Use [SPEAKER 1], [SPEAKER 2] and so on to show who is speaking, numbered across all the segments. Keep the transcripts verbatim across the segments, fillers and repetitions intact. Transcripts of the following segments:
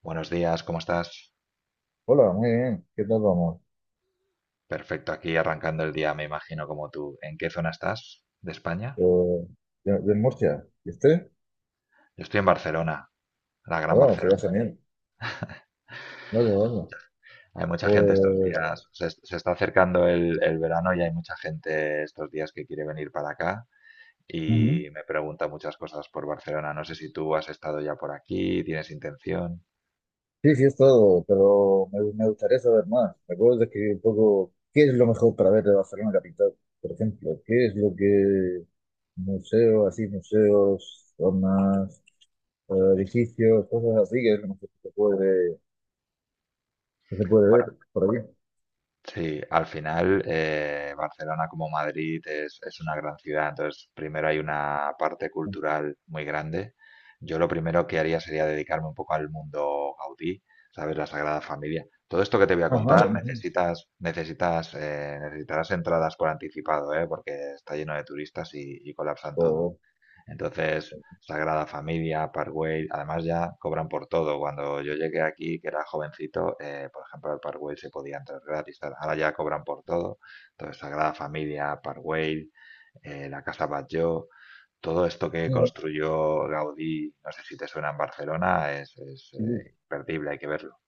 [SPEAKER 1] Buenos días, ¿cómo estás?
[SPEAKER 2] Hola, muy bien. ¿Qué tal vamos?
[SPEAKER 1] Perfecto, aquí arrancando el día, me imagino, como tú. ¿En qué zona estás de España?
[SPEAKER 2] Yo, de, de Murcia. ¿Y usted?
[SPEAKER 1] Yo estoy en Barcelona, la gran
[SPEAKER 2] Oh, se ve
[SPEAKER 1] Barcelona.
[SPEAKER 2] genial. No, de dónde.
[SPEAKER 1] Hay mucha gente estos
[SPEAKER 2] Pues,
[SPEAKER 1] días, se, se está acercando el, el verano y hay mucha gente estos días que quiere venir para acá
[SPEAKER 2] ujú.
[SPEAKER 1] y me pregunta muchas cosas por Barcelona. No sé si tú has estado ya por aquí, tienes intención.
[SPEAKER 2] Sí, sí, es todo, pero me, me gustaría saber más. ¿Me puedes describir un poco qué es lo mejor para ver de Barcelona capital? Por ejemplo, ¿qué es lo que museos, así, museos, zonas, eh, edificios, cosas así, que es lo mejor que se puede, que se puede
[SPEAKER 1] Bueno,
[SPEAKER 2] ver por aquí?
[SPEAKER 1] sí, al final eh, Barcelona como Madrid es, es una gran ciudad, entonces primero hay una parte cultural muy grande. Yo lo primero que haría sería dedicarme un poco al mundo Gaudí, ¿sabes? La Sagrada Familia. Todo esto que te voy a
[SPEAKER 2] Ajá.
[SPEAKER 1] contar
[SPEAKER 2] ujú.
[SPEAKER 1] necesitas, necesitas, eh, necesitarás entradas por anticipado, ¿eh? Porque está lleno de turistas y, y colapsan todo.
[SPEAKER 2] O-
[SPEAKER 1] Entonces, Sagrada Familia, Parkway, además ya cobran por todo. Cuando yo llegué aquí, que era jovencito, eh, por ejemplo, al Parkway se podía entrar gratis. Tal. Ahora ya cobran por todo. Entonces, Sagrada Familia, Parkway, eh, la Casa Batlló, todo esto que
[SPEAKER 2] ujú,
[SPEAKER 1] construyó Gaudí, no sé si te suena en Barcelona, es, es,
[SPEAKER 2] sí, sí.
[SPEAKER 1] eh, imperdible, hay que verlo.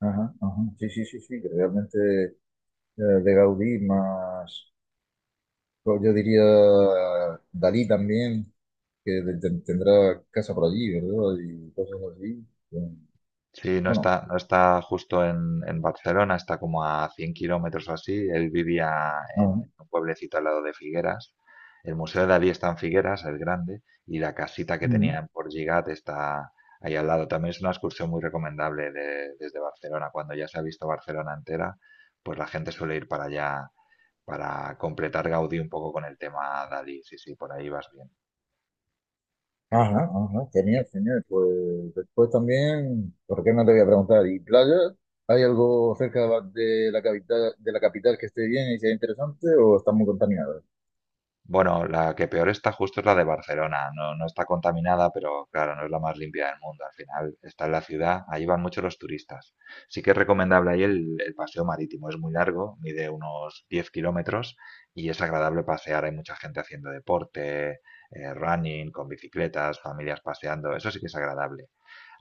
[SPEAKER 2] Ajá, ajá. Sí, sí, sí, sí, que realmente eh, de Gaudí, más, pues, yo diría Dalí también, que de- ten- tendrá casa por allí, ¿verdad? Y cosas así. Eh,
[SPEAKER 1] Sí, no
[SPEAKER 2] Bueno,
[SPEAKER 1] está, no está justo en, en Barcelona, está como a cien kilómetros o así. Él vivía en
[SPEAKER 2] ajá,
[SPEAKER 1] un pueblecito al lado de Figueras. El Museo de Dalí está en Figueras, el grande, y la casita que
[SPEAKER 2] mm,
[SPEAKER 1] tenían por Gigat está ahí al lado. También es una excursión muy recomendable de- desde Barcelona. Cuando ya se ha visto Barcelona entera, pues la gente suele ir para allá para completar Gaudí un poco con el tema Dalí. Sí, sí, por ahí vas bien.
[SPEAKER 2] ajá, ajá, genial, genial. Pues después también, ¿por qué no te voy a preguntar? ¿Y playa? ¿Hay algo cerca de la, de la capital, de la capital que esté bien y sea interesante o está muy contaminada?
[SPEAKER 1] Bueno, la que peor está justo es la de Barcelona. No, no está contaminada, pero claro, no es la más limpia del mundo. Al final está en la ciudad, ahí van muchos los turistas. Sí que es recomendable ahí el, el paseo marítimo. Es muy largo, mide unos diez kilómetros y es agradable pasear. Hay mucha gente haciendo deporte, eh, running, con bicicletas, familias paseando. Eso sí que es agradable.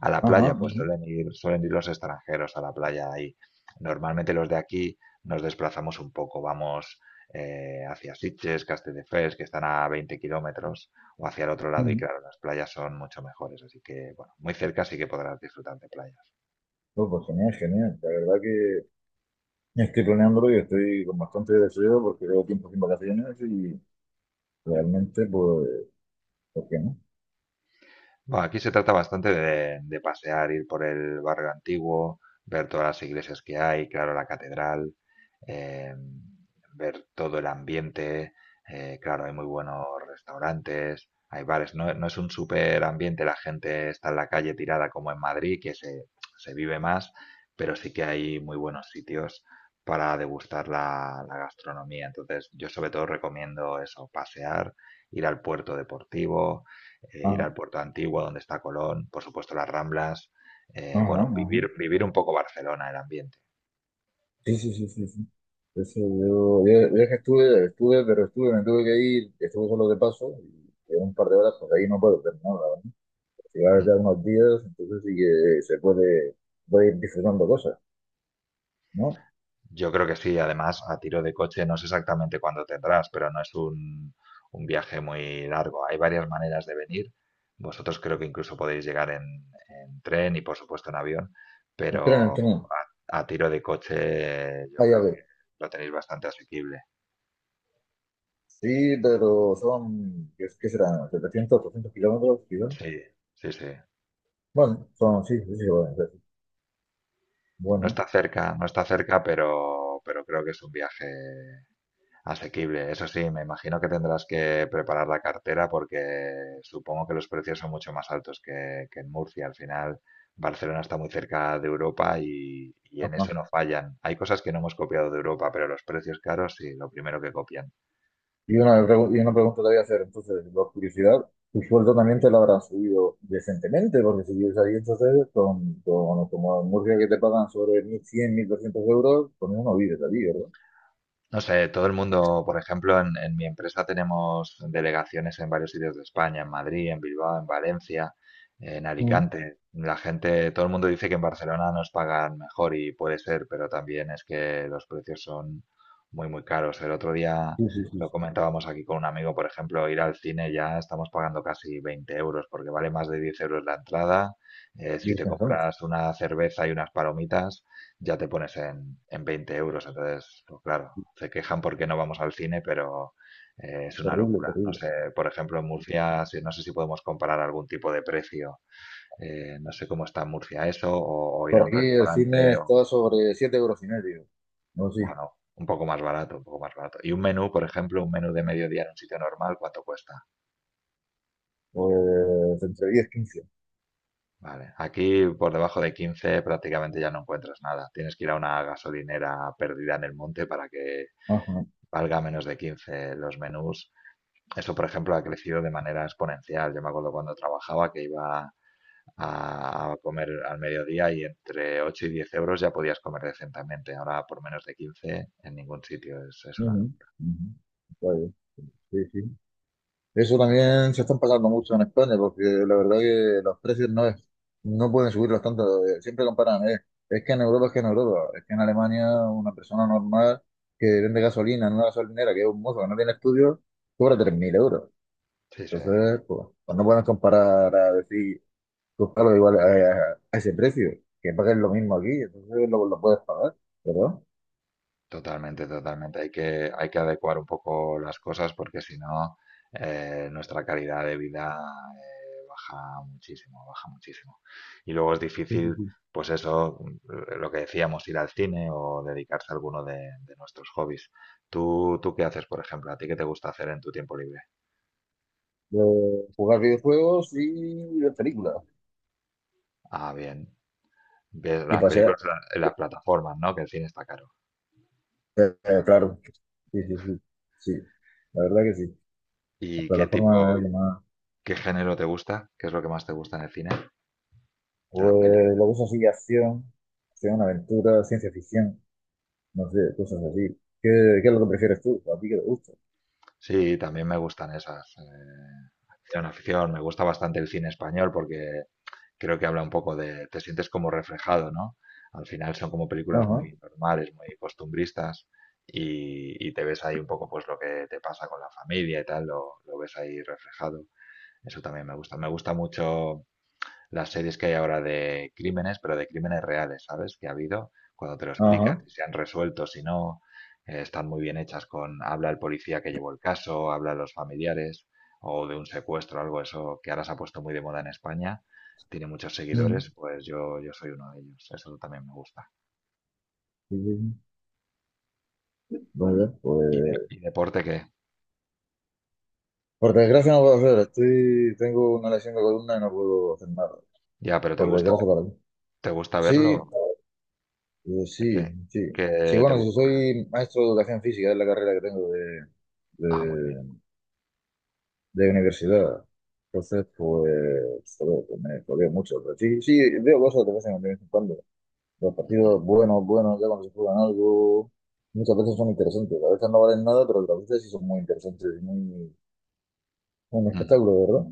[SPEAKER 1] A la playa,
[SPEAKER 2] Ajá,
[SPEAKER 1] pues
[SPEAKER 2] ajá,
[SPEAKER 1] suelen ir, suelen ir los extranjeros a la playa ahí. Normalmente los de aquí nos desplazamos un poco, vamos eh, hacia Sitges, Castelldefels, que están a veinte kilómetros, o hacia el otro lado, y
[SPEAKER 2] ujú.
[SPEAKER 1] claro, las playas son mucho mejores. Así que, bueno, muy cerca sí que podrás disfrutar de playa.
[SPEAKER 2] Oh, pues genial, genial. La verdad que estoy planeándolo y estoy con bastante deseo porque llevo tiempo sin vacaciones y realmente pues Ok, ¿no?
[SPEAKER 1] Bueno, aquí se trata bastante de, de pasear, ir por el barrio antiguo, ver todas las iglesias que hay, claro, la catedral, eh, ver todo el ambiente, eh, claro, hay muy buenos restaurantes, hay bares, no, no es un súper ambiente, la gente está en la calle tirada como en Madrid, que se, se vive más, pero sí que hay muy buenos sitios para degustar la, la gastronomía. Entonces, yo sobre todo recomiendo eso, pasear, ir al puerto deportivo eh, ir
[SPEAKER 2] Ajá,
[SPEAKER 1] al puerto de Antigua donde está Colón, por supuesto las Ramblas, eh,
[SPEAKER 2] ajá,
[SPEAKER 1] bueno,
[SPEAKER 2] ajá.
[SPEAKER 1] vivir, vivir un poco Barcelona, el ambiente.
[SPEAKER 2] Sí, sí, sí, sí, sí. Eso, yo, yo, yo es que estuve, estuve, pero estuve, me tuve que ir, estuve solo de paso, y en un par de horas, pues ahí no puedo terminar, la verdad. Si vas
[SPEAKER 1] Mm.
[SPEAKER 2] ya unos días, entonces sí que se puede, puede ir disfrutando cosas, ¿no?
[SPEAKER 1] Yo creo que sí, además a tiro de coche no sé exactamente cuándo tendrás, pero no es un, un viaje muy largo. Hay varias maneras de venir. Vosotros creo que incluso podéis llegar en, en tren y por supuesto en avión,
[SPEAKER 2] Entreno,
[SPEAKER 1] pero
[SPEAKER 2] entreno.
[SPEAKER 1] a, a tiro de coche yo
[SPEAKER 2] Vaya a
[SPEAKER 1] creo que
[SPEAKER 2] ver.
[SPEAKER 1] lo tenéis bastante asequible.
[SPEAKER 2] Sí, pero son, ¿qué, qué serán? setecientos, 800 kilómetros, quizás.
[SPEAKER 1] Sí, sí, sí.
[SPEAKER 2] Bueno, son, sí, sí, sí, bueno, sí. Sí.
[SPEAKER 1] No
[SPEAKER 2] Bueno,
[SPEAKER 1] está cerca, no está cerca, pero, pero creo que es un viaje asequible, eso sí, me imagino que tendrás que preparar la cartera porque supongo que los precios son mucho más altos que, que en Murcia. Al final, Barcelona está muy cerca de Europa y, y en
[SPEAKER 2] ajá.
[SPEAKER 1] eso no fallan. Hay cosas que no hemos copiado de Europa, pero los precios caros sí, lo primero que copian.
[SPEAKER 2] Y una, pregu- y una pregunta te voy a hacer, entonces, por curiosidad, tu sueldo también te lo habrán subido decentemente, porque si vives ahí entonces, con, con, como en Murcia que te pagan sobre mil cien, mil doscientos euros, con eso no vives allí, ¿verdad?
[SPEAKER 1] No sé, todo el mundo, por ejemplo, en, en mi empresa tenemos delegaciones en varios sitios de España, en Madrid, en Bilbao, en Valencia, en
[SPEAKER 2] Mm.
[SPEAKER 1] Alicante. La gente, todo el mundo dice que en Barcelona nos pagan mejor y puede ser, pero también es que los precios son muy, muy caros. El otro día
[SPEAKER 2] Sí, sí, sí.
[SPEAKER 1] lo
[SPEAKER 2] Sí.
[SPEAKER 1] comentábamos aquí con un amigo, por ejemplo, ir al cine ya estamos pagando casi veinte euros porque vale más de diez euros la entrada. Eh, si te
[SPEAKER 2] Virgen Santa,
[SPEAKER 1] compras una cerveza y unas palomitas ya te pones en, en veinte euros. Entonces, pues claro, se quejan porque no vamos al cine, pero eh, es una
[SPEAKER 2] terrible,
[SPEAKER 1] locura. No
[SPEAKER 2] terrible.
[SPEAKER 1] sé, por ejemplo, en Murcia, si- no sé si podemos comparar algún tipo de precio. Eh, no sé cómo está en Murcia eso, o, o ir a
[SPEAKER 2] Por
[SPEAKER 1] un
[SPEAKER 2] aquí el cine
[SPEAKER 1] restaurante, o,
[SPEAKER 2] está sobre siete euros y medio, no sí,
[SPEAKER 1] bueno, un poco más barato, un poco más barato. Y un menú, por ejemplo, un menú de mediodía en un sitio normal, ¿cuánto cuesta?
[SPEAKER 2] pues entre diez y quince.
[SPEAKER 1] Vale. Aquí por debajo de quince prácticamente ya no encuentras nada. Tienes que ir a una gasolinera perdida en el monte para que
[SPEAKER 2] Ajá.
[SPEAKER 1] valga menos de quince los menús. Eso, por ejemplo, ha crecido de manera exponencial. Yo me acuerdo cuando trabajaba que iba a a comer al mediodía y entre ocho y diez euros ya podías comer decentemente. Ahora por menos de quince en ningún sitio. Es, es una...
[SPEAKER 2] Ujú, ujú. Está bien, sí, sí. Eso también se están pasando mucho en España, porque la verdad que los precios no es, no pueden subirlos tanto. Eh, Siempre comparan, eh, es que en Europa es que en Europa, es que en Alemania una persona normal que vende gasolina en una gasolinera, que es un mozo que no tiene estudios, cobra tres mil euros.
[SPEAKER 1] Sí, sí.
[SPEAKER 2] Entonces, pues, pues no pueden comparar a decir, buscarlo igual a, a- a ese precio, que paguen lo mismo aquí, entonces lo, lo puedes pagar, ¿verdad?
[SPEAKER 1] Totalmente, totalmente. Hay que, hay que adecuar un poco las cosas porque si no, eh, nuestra calidad de vida eh, baja muchísimo, baja muchísimo. Y luego es
[SPEAKER 2] Sí, sí,
[SPEAKER 1] difícil,
[SPEAKER 2] sí.
[SPEAKER 1] pues eso, eh, lo que decíamos, ir al cine o dedicarse a alguno de, de nuestros hobbies. ¿Tú, ¿tú qué haces, por ejemplo? ¿A ti qué te gusta hacer en tu tiempo libre?
[SPEAKER 2] De jugar videojuegos y ver películas.
[SPEAKER 1] Ah, bien. Ves
[SPEAKER 2] Y
[SPEAKER 1] las
[SPEAKER 2] pasear.
[SPEAKER 1] películas en la- en las plataformas, ¿no? Que el cine está caro.
[SPEAKER 2] Eh, eh, claro, sí, sí, sí, sí, la verdad que sí. La
[SPEAKER 1] ¿Y qué tipo,
[SPEAKER 2] plataforma es lo más.
[SPEAKER 1] qué género te gusta? ¿Qué es lo que más te gusta en el cine? ¿De las pelis?
[SPEAKER 2] Pues lo uso así, acción, acción, aventura, ciencia ficción, no sé, cosas así. ¿Qué, qué es lo que prefieres tú? ¿A ti qué te gusta?
[SPEAKER 1] Sí, también me gustan esas. Eh, acción, afición. Me gusta bastante el cine español porque creo que habla un poco de... Te sientes como reflejado, ¿no? Al final son como películas
[SPEAKER 2] Ajá,
[SPEAKER 1] muy normales, muy costumbristas y, y te ves ahí un poco pues lo que te pasa con la familia y tal, lo, lo ves ahí reflejado. Eso también me gusta. Me gusta mucho las series que hay ahora de crímenes, pero de crímenes reales, ¿sabes? Que ha habido, cuando te lo explican,
[SPEAKER 2] ajá.
[SPEAKER 1] si se han resuelto, si no, eh, están muy bien hechas con, habla el policía que llevó el caso, habla los familiares, o de un secuestro, algo eso que ahora se ha puesto muy de moda en España, tiene muchos seguidores,
[SPEAKER 2] Mm.
[SPEAKER 1] pues yo, yo soy uno de ellos, eso también me gusta.
[SPEAKER 2] Sí, sí, sí. Muy bien,
[SPEAKER 1] ¿Y, de-
[SPEAKER 2] pues.
[SPEAKER 1] y deporte qué?
[SPEAKER 2] Por desgracia no puedo hacer, estoy, tengo una lesión de columna y no puedo hacer nada.
[SPEAKER 1] Ya, pero ¿te
[SPEAKER 2] Por
[SPEAKER 1] gusta,
[SPEAKER 2] desgracia para mí.
[SPEAKER 1] ¿te gusta
[SPEAKER 2] Sí,
[SPEAKER 1] verlo?
[SPEAKER 2] eh, sí,
[SPEAKER 1] ¿Qué,
[SPEAKER 2] sí. Sí,
[SPEAKER 1] qué te
[SPEAKER 2] bueno, si
[SPEAKER 1] gusta?
[SPEAKER 2] soy maestro de educación física, es la carrera que tengo de,
[SPEAKER 1] Ah, muy bien.
[SPEAKER 2] de universidad. Entonces, pues, joder, pues me jodé mucho. Pero sí, sí, veo cosas de vez en, de vez en cuando. Los
[SPEAKER 1] Ujú,
[SPEAKER 2] partidos buenos, buenos, ya cuando se juegan algo, muchas veces son interesantes. A veces no valen nada, pero otras veces sí son muy interesantes y muy, un
[SPEAKER 1] ujú.
[SPEAKER 2] espectáculo, ¿verdad?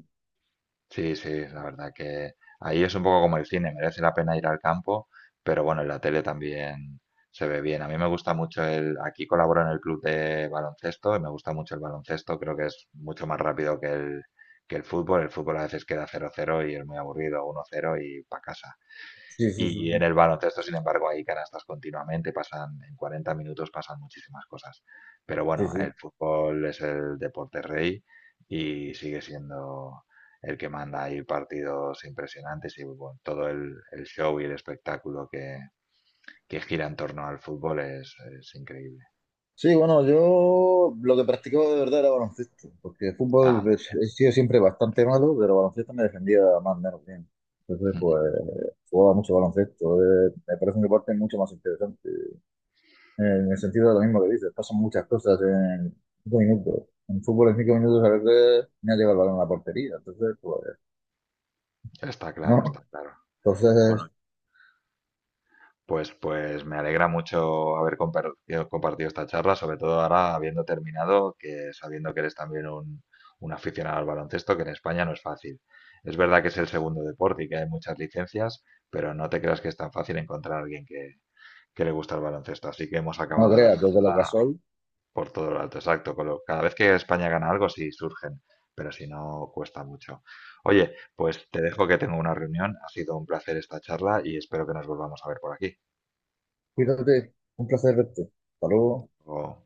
[SPEAKER 1] Sí, sí, la verdad que ahí es un poco como el cine, merece la pena ir al campo, pero bueno, en la tele también se ve bien. A mí me gusta mucho el, aquí colaboro en el club de baloncesto y me gusta mucho el baloncesto, creo que es mucho más rápido que el, que el fútbol. El fútbol a veces queda cero cero y es muy aburrido, uno cero y para casa.
[SPEAKER 2] Sí, sí, sí,
[SPEAKER 1] Y en
[SPEAKER 2] sí.
[SPEAKER 1] el baloncesto, sin embargo, hay canastas continuamente, pasan en cuarenta minutos pasan muchísimas cosas. Pero
[SPEAKER 2] Sí,
[SPEAKER 1] bueno, el
[SPEAKER 2] sí.
[SPEAKER 1] fútbol es el deporte rey y sigue siendo el que manda. Hay partidos impresionantes y bueno, todo el, el show y el espectáculo que, que gira en torno al fútbol es, es increíble.
[SPEAKER 2] Sí, bueno, yo lo que practicaba de verdad era baloncesto, porque fútbol
[SPEAKER 1] Ah, muy
[SPEAKER 2] pues, he sido siempre bastante malo, pero baloncesto me defendía más o menos bien. Entonces,
[SPEAKER 1] bien.
[SPEAKER 2] pues, jugaba mucho baloncesto. eh, me parece un deporte mucho más interesante. Eh, en el sentido de lo mismo que dices, pasan muchas cosas en cinco minutos. En fútbol en cinco minutos a veces me ha llegado el balón a la portería, entonces, pues,
[SPEAKER 1] Está claro, está
[SPEAKER 2] no.
[SPEAKER 1] claro. Bueno,
[SPEAKER 2] Entonces,
[SPEAKER 1] pues, pues me alegra mucho haber compar- eh, compartido esta charla, sobre todo ahora habiendo terminado, que sabiendo que eres también un, un aficionado al baloncesto, que en España no es fácil. Es verdad que es el segundo deporte y que hay muchas licencias, pero no te creas que es tan fácil encontrar a alguien que, que le gusta el baloncesto. Así que hemos
[SPEAKER 2] no
[SPEAKER 1] acabado la
[SPEAKER 2] creas, desde lo
[SPEAKER 1] charla
[SPEAKER 2] casual,
[SPEAKER 1] por todo lo alto, exacto. con lo- cada vez que España gana algo, sí surgen, pero si no, cuesta mucho. Oye, pues te dejo que tengo una reunión. Ha sido un placer esta charla y espero que nos volvamos a ver por aquí.
[SPEAKER 2] cuídate, un placer verte. Hasta luego.
[SPEAKER 1] O-